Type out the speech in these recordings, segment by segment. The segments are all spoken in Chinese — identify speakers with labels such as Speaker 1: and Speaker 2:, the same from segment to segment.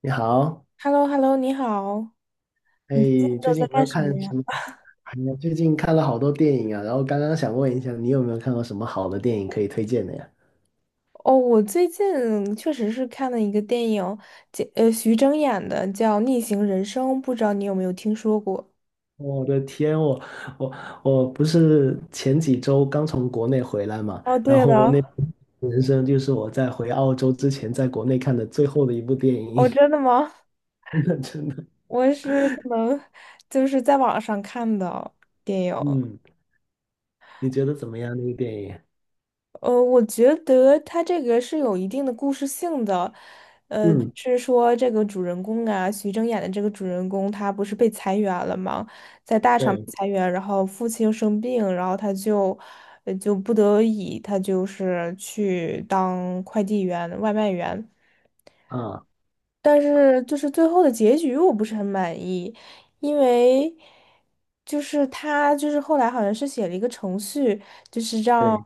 Speaker 1: 你好，
Speaker 2: h e l l o h e l l o 你好，
Speaker 1: 哎，
Speaker 2: 你最近
Speaker 1: 最
Speaker 2: 都
Speaker 1: 近
Speaker 2: 在
Speaker 1: 有没
Speaker 2: 干
Speaker 1: 有
Speaker 2: 什
Speaker 1: 看
Speaker 2: 么
Speaker 1: 什
Speaker 2: 呀？
Speaker 1: 么？哎呀，最近看了好多电影啊，然后刚刚想问一下，你有没有看过什么好的电影可以推荐的呀？
Speaker 2: 哦，我最近确实是看了一个电影，叫徐峥演的，叫《逆行人生》，不知道你有没有听说过？
Speaker 1: 我的天，我我不是前几周刚从国内回来嘛，
Speaker 2: 哦，对了。
Speaker 1: 人生就是我在回澳洲之前在国内看的最后的一部电
Speaker 2: 哦，
Speaker 1: 影，
Speaker 2: 真的吗？
Speaker 1: 真的真的，
Speaker 2: 我是可能就是在网上看的电影。
Speaker 1: 嗯，你觉得怎么样那个电影？
Speaker 2: 我觉得他这个是有一定的故事性的。
Speaker 1: 嗯，
Speaker 2: 是说这个主人公啊，徐峥演的这个主人公，他不是被裁员了吗？在大厂被
Speaker 1: 对，
Speaker 2: 裁员，然后父亲又生病，然后他就，就不得已，他就是去当快递员、外卖员。
Speaker 1: 啊，
Speaker 2: 但是就是最后的结局我不是很满意，因为就是他就是后来好像是写了一个程序，就是让
Speaker 1: 对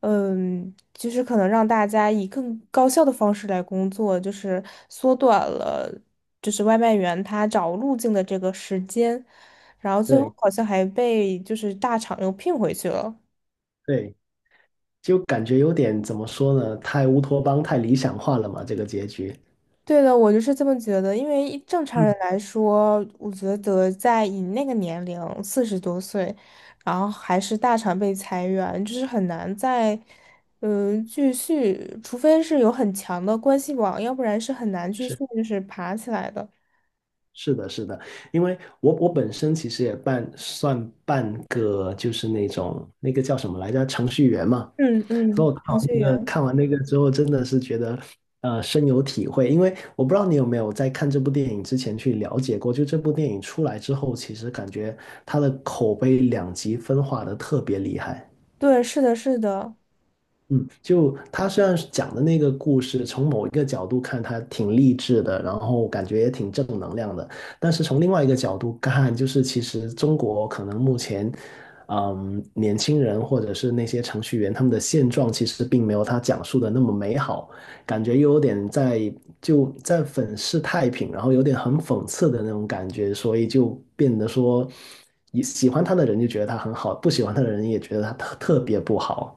Speaker 2: 就是可能让大家以更高效的方式来工作，就是缩短了就是外卖员他找路径的这个时间，然后最后
Speaker 1: 对
Speaker 2: 好像还被就是大厂又聘回去了。
Speaker 1: 对，就感觉有点怎么说呢，太乌托邦、太理想化了嘛，这个结局。
Speaker 2: 对的，我就是这么觉得，因为一正常人来说，我觉得在你那个年龄，40多岁，然后还是大厂被裁员，就是很难再，继续，除非是有很强的关系网，要不然是很难继续
Speaker 1: 是
Speaker 2: 就是爬起来的。
Speaker 1: 是的，是的，因为我本身其实也半算半个，就是那种那个叫什么来着，程序员嘛。
Speaker 2: 嗯
Speaker 1: 所以
Speaker 2: 嗯，
Speaker 1: 我看
Speaker 2: 程
Speaker 1: 完
Speaker 2: 序
Speaker 1: 那个
Speaker 2: 员。
Speaker 1: 看完那个之后，真的是觉得深有体会。因为我不知道你有没有在看这部电影之前去了解过，就这部电影出来之后，其实感觉它的口碑两极分化的特别厉害。
Speaker 2: 对，是的，是的。
Speaker 1: 嗯，就他虽然是讲的那个故事，从某一个角度看，他挺励志的，然后感觉也挺正能量的。但是从另外一个角度看，就是其实中国可能目前，嗯，年轻人或者是那些程序员，他们的现状其实并没有他讲述的那么美好，感觉又有点在粉饰太平，然后有点很讽刺的那种感觉，所以就变得说，喜欢他的人就觉得他很好，不喜欢他的人也觉得他特别不好，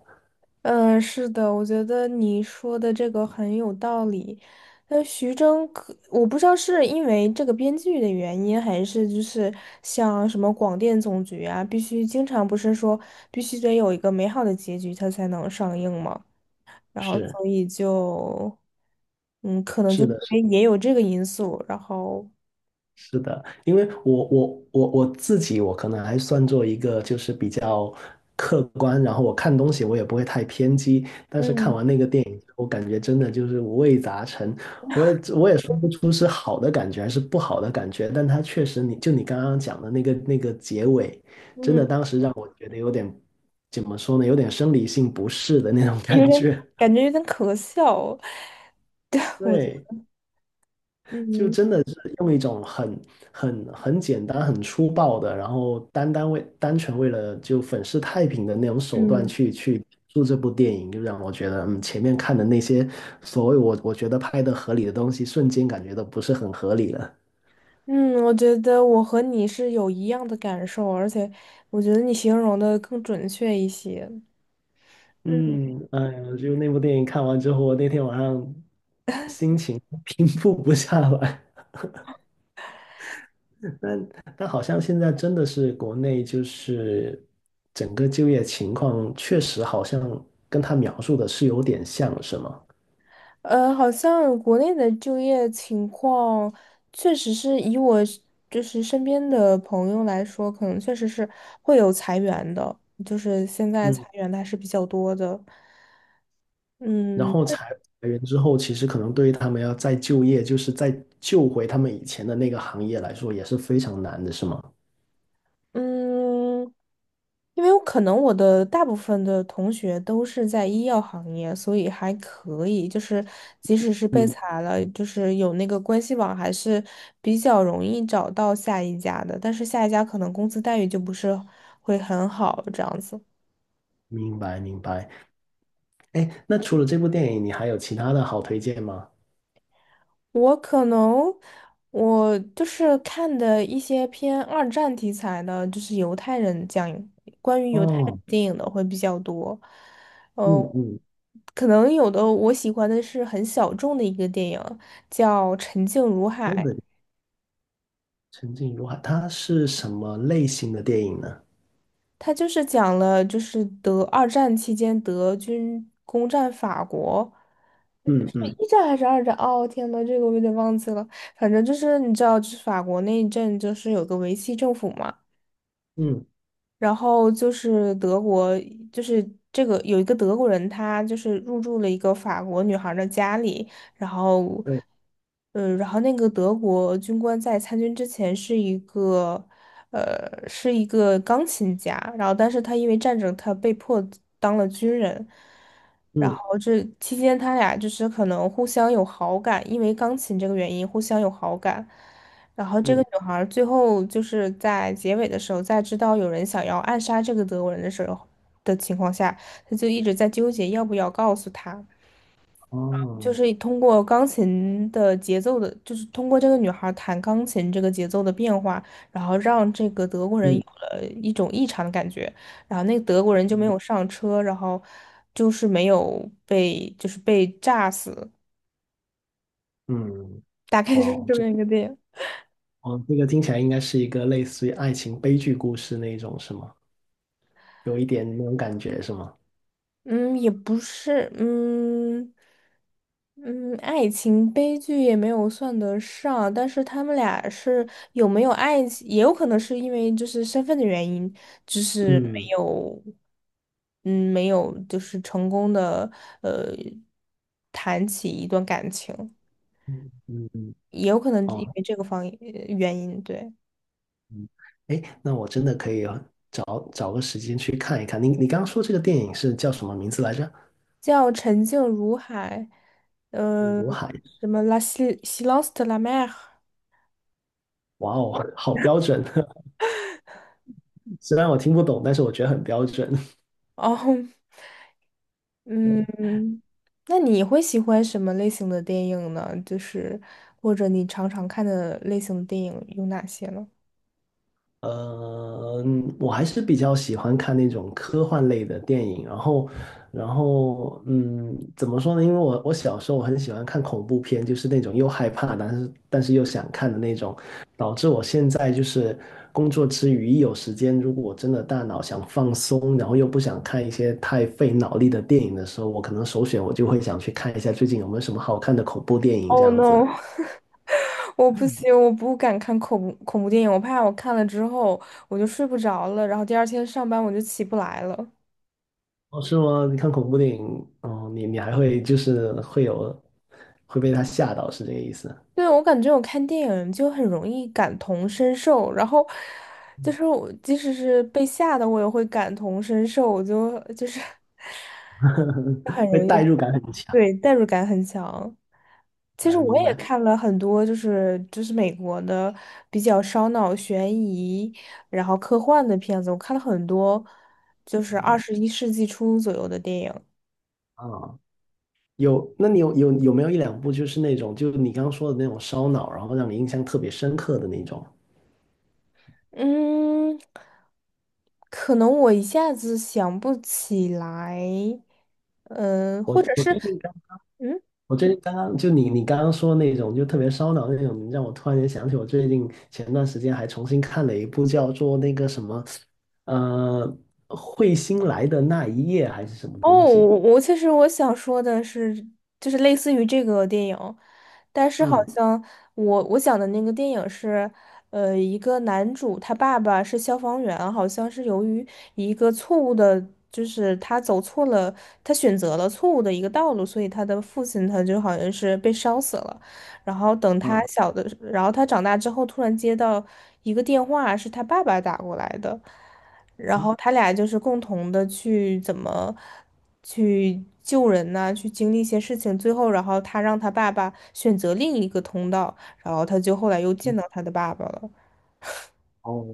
Speaker 2: 嗯，是的，我觉得你说的这个很有道理。徐峥可我不知道是因为这个编剧的原因，还是就是像什么广电总局啊，必须经常不是说必须得有一个美好的结局，它才能上映嘛。然后
Speaker 1: 是。
Speaker 2: 所以就，嗯，可能就
Speaker 1: 是
Speaker 2: 是
Speaker 1: 的，是
Speaker 2: 因为也有这个因素，然后
Speaker 1: 是的，因为我我自己，我可能还算做一个就是比较客观，然后我看东西我也不会太偏激，但是看
Speaker 2: 嗯
Speaker 1: 完那个电影，我感觉真的就是五味杂陈，我也说不出是好的感觉还是不好的感觉，但它确实你刚刚讲的那个结尾，真的
Speaker 2: 嗯，
Speaker 1: 当时让我觉得有点怎么说呢，有点生理性不适的那种
Speaker 2: 有
Speaker 1: 感
Speaker 2: 点
Speaker 1: 觉，
Speaker 2: 感觉有点可笑。对，我
Speaker 1: 对。就
Speaker 2: 嗯
Speaker 1: 真的是用一种很简单、很粗暴的，然后单纯为了就粉饰太平的那种手段
Speaker 2: 嗯。
Speaker 1: 去做这部电影，就让我觉得，嗯，前面看的那些所谓我觉得拍的合理的东西，瞬间感觉都不是很合理了。
Speaker 2: 嗯，我觉得我和你是有一样的感受，而且我觉得你形容的更准确一些。嗯。
Speaker 1: 嗯，哎呀，就那部电影看完之后，我那天晚上心情 平复不下来。但但好像现在真的是国内就是整个就业情况确实好像跟他描述的是有点像，是吗？
Speaker 2: 好像国内的就业情况，确实是以我是就是身边的朋友来说，可能确实是会有裁员的，就是现在裁
Speaker 1: 嗯，
Speaker 2: 员的还是比较多的。
Speaker 1: 然
Speaker 2: 嗯
Speaker 1: 后裁员之后，其实可能对于他们要再就业，就是再救回他们以前的那个行业来说，也是非常难的，是吗？
Speaker 2: 嗯，因为我可能我的大部分的同学都是在医药行业，所以还可以，就是即使是被
Speaker 1: 嗯，
Speaker 2: 裁了，就是有那个关系网，还是比较容易找到下一家的。但是下一家可能工资待遇就不是会很好，这样子。
Speaker 1: 明白明白。哎，那除了这部电影，你还有其他的好推荐吗？
Speaker 2: 我可能我就是看的一些偏二战题材的，就是犹太人讲关于犹太人
Speaker 1: 哦，
Speaker 2: 电影的会比较多。呃，
Speaker 1: 嗯嗯，
Speaker 2: 可能有的我喜欢的是很小众的一个电影，叫《沉静如
Speaker 1: 东
Speaker 2: 海》，
Speaker 1: 北沉静如海，它是什么类型的电影呢？
Speaker 2: 它就是讲了就是德二战期间德军攻占法国。是
Speaker 1: 嗯嗯
Speaker 2: 一战还是二战？哦，天呐，这个我有点忘记了。反正就是你知道，就是法国那一阵，就是有个维希政府嘛。
Speaker 1: 嗯，
Speaker 2: 然后就是德国，就是这个有一个德国人，他就是入住了一个法国女孩儿的家里，然后，
Speaker 1: 对，
Speaker 2: 然后那个德国军官在参军之前是一个，是一个钢琴家，然后但是他因为战争，他被迫当了军人，然
Speaker 1: 嗯。
Speaker 2: 后这期间他俩就是可能互相有好感，因为钢琴这个原因互相有好感。然后这个
Speaker 1: 嗯，
Speaker 2: 女孩儿最后就是在结尾的时候，在知道有人想要暗杀这个德国人的时候的情况下，她就一直在纠结要不要告诉他。就
Speaker 1: 哦，
Speaker 2: 是通过钢琴的节奏的，就是通过这个女孩儿弹钢琴这个节奏的变化，然后让这个德国人有
Speaker 1: 嗯
Speaker 2: 了一种异常的感觉，然后那个德国人就没
Speaker 1: 嗯
Speaker 2: 有上车，然后就是没有被就是被炸死，
Speaker 1: 嗯，
Speaker 2: 大概
Speaker 1: 哇
Speaker 2: 就是
Speaker 1: 哦，
Speaker 2: 这么一个电影。
Speaker 1: 哦，这个听起来应该是一个类似于爱情悲剧故事那一种，是吗？有一点那种感觉，是吗？
Speaker 2: 嗯，也不是。嗯嗯，爱情悲剧也没有算得上，但是他们俩是有没有爱情，也有可能是因为就是身份的原因，就是没
Speaker 1: 嗯
Speaker 2: 有，嗯，没有就是成功的呃谈起一段感情，
Speaker 1: 嗯嗯
Speaker 2: 也有可能因
Speaker 1: 哦，
Speaker 2: 为这个方原因，对。
Speaker 1: 嗯，哎，那我真的可以找个时间去看一看。你刚刚说这个电影是叫什么名字来着？
Speaker 2: 叫沉静如海。呃，
Speaker 1: 刘海。
Speaker 2: 什么 Silence de la mer。
Speaker 1: 哇哦，好标准！虽然我听不懂，但是我觉得很标准。
Speaker 2: 哦。嗯，那你会喜欢什么类型的电影呢？就是或者你常常看的类型的电影有哪些呢
Speaker 1: 我还是比较喜欢看那种科幻类的电影，然后，然后，嗯，怎么说呢？因为我小时候很喜欢看恐怖片，就是那种又害怕，但是又想看的那种，导致我现在就是工作之余一有时间，如果我真的大脑想放松，然后又不想看一些太费脑力的电影的时候，我可能首选我就会想去看一下最近有没有什么好看的恐怖电影这
Speaker 2: ？Oh
Speaker 1: 样子。
Speaker 2: no，我不行，我不敢看恐怖电影，我怕我看了之后我就睡不着了，然后第二天上班我就起不来了。
Speaker 1: 哦，是吗？你看恐怖电影，哦，你还会就是会有被他吓到，是这个意思？
Speaker 2: 对，我感觉我看电影就很容易感同身受，然后就是我即使是被吓的，我也会感同身受，我 就很
Speaker 1: 会
Speaker 2: 容
Speaker 1: 代
Speaker 2: 易。
Speaker 1: 入感很强
Speaker 2: 对，代入感很强。其实我也看了很多，就是就是美国的比较烧脑、悬疑，然后科幻的片子，我看了很多，就是21世纪初左右的电影。
Speaker 1: 啊。有，那你有没有一两部就是那种，就是你刚刚说的那种烧脑，然后让你印象特别深刻的那种？
Speaker 2: 嗯，可能我一下子想不起来。嗯、或
Speaker 1: 我
Speaker 2: 者
Speaker 1: 我
Speaker 2: 是，
Speaker 1: 最近刚
Speaker 2: 嗯。
Speaker 1: 我最近刚刚就你刚刚说那种就特别烧脑那种，让我突然间想起我最近前段时间还重新看了一部叫做那个什么，呃，彗星来的那一夜还是什么
Speaker 2: 哦，
Speaker 1: 东西？
Speaker 2: 我其实我想说的是，就是类似于这个电影，但是好
Speaker 1: 嗯
Speaker 2: 像我想的那个电影是，一个男主他爸爸是消防员，好像是由于一个错误的，就是他走错了，他选择了错误的一个道路，所以他的父亲他就好像是被烧死了。然后等他
Speaker 1: 嗯。
Speaker 2: 小的，然后他长大之后突然接到一个电话，是他爸爸打过来的。然后他俩就是共同的去怎么去救人呐、去经历一些事情，最后然后他让他爸爸选择另一个通道，然后他就后来又见到他的爸爸了。
Speaker 1: 哦，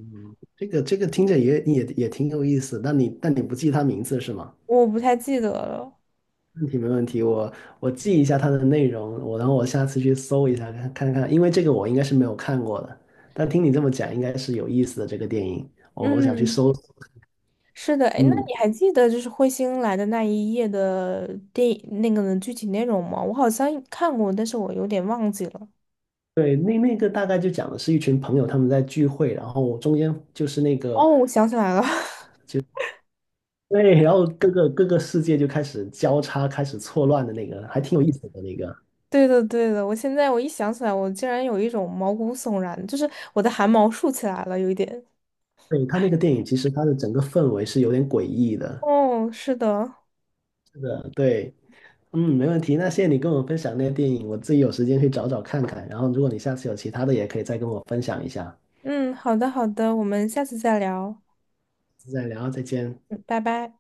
Speaker 1: 这个听着也挺有意思，但你不记他名字是吗？
Speaker 2: 我不太记得了。
Speaker 1: 没问题，我记一下它的内容，我然后我下次去搜一下看，因为这个我应该是没有看过的，但听你这么讲，应该是有意思的这个电影，我想去
Speaker 2: 嗯，
Speaker 1: 搜。
Speaker 2: 是的，哎，那
Speaker 1: 嗯，
Speaker 2: 你还记得就是彗星来的那一夜的电影那个的具体内容吗？我好像看过，但是我有点忘记了。
Speaker 1: 对，那那个大概就讲的是一群朋友他们在聚会，然后中间就是那个
Speaker 2: 哦，我想起来了。
Speaker 1: 对，然后各个世界就开始交叉，开始错乱的那个，还挺有意思的那个。
Speaker 2: 对的，对的，我现在我一想起来，我竟然有一种毛骨悚然，就是我的汗毛竖起来了，有一点。
Speaker 1: 对，他那个电影，其实它的整个氛围是有点诡异的，
Speaker 2: 哦，是的，
Speaker 1: 的，对，嗯，没问题。那谢谢你跟我分享那些电影，我自己有时间去找找看看。然后，如果你下次有其他的，也可以再跟我分享一下。
Speaker 2: 嗯，好的，好的，我们下次再聊。
Speaker 1: 再聊，再见。
Speaker 2: 嗯，拜拜。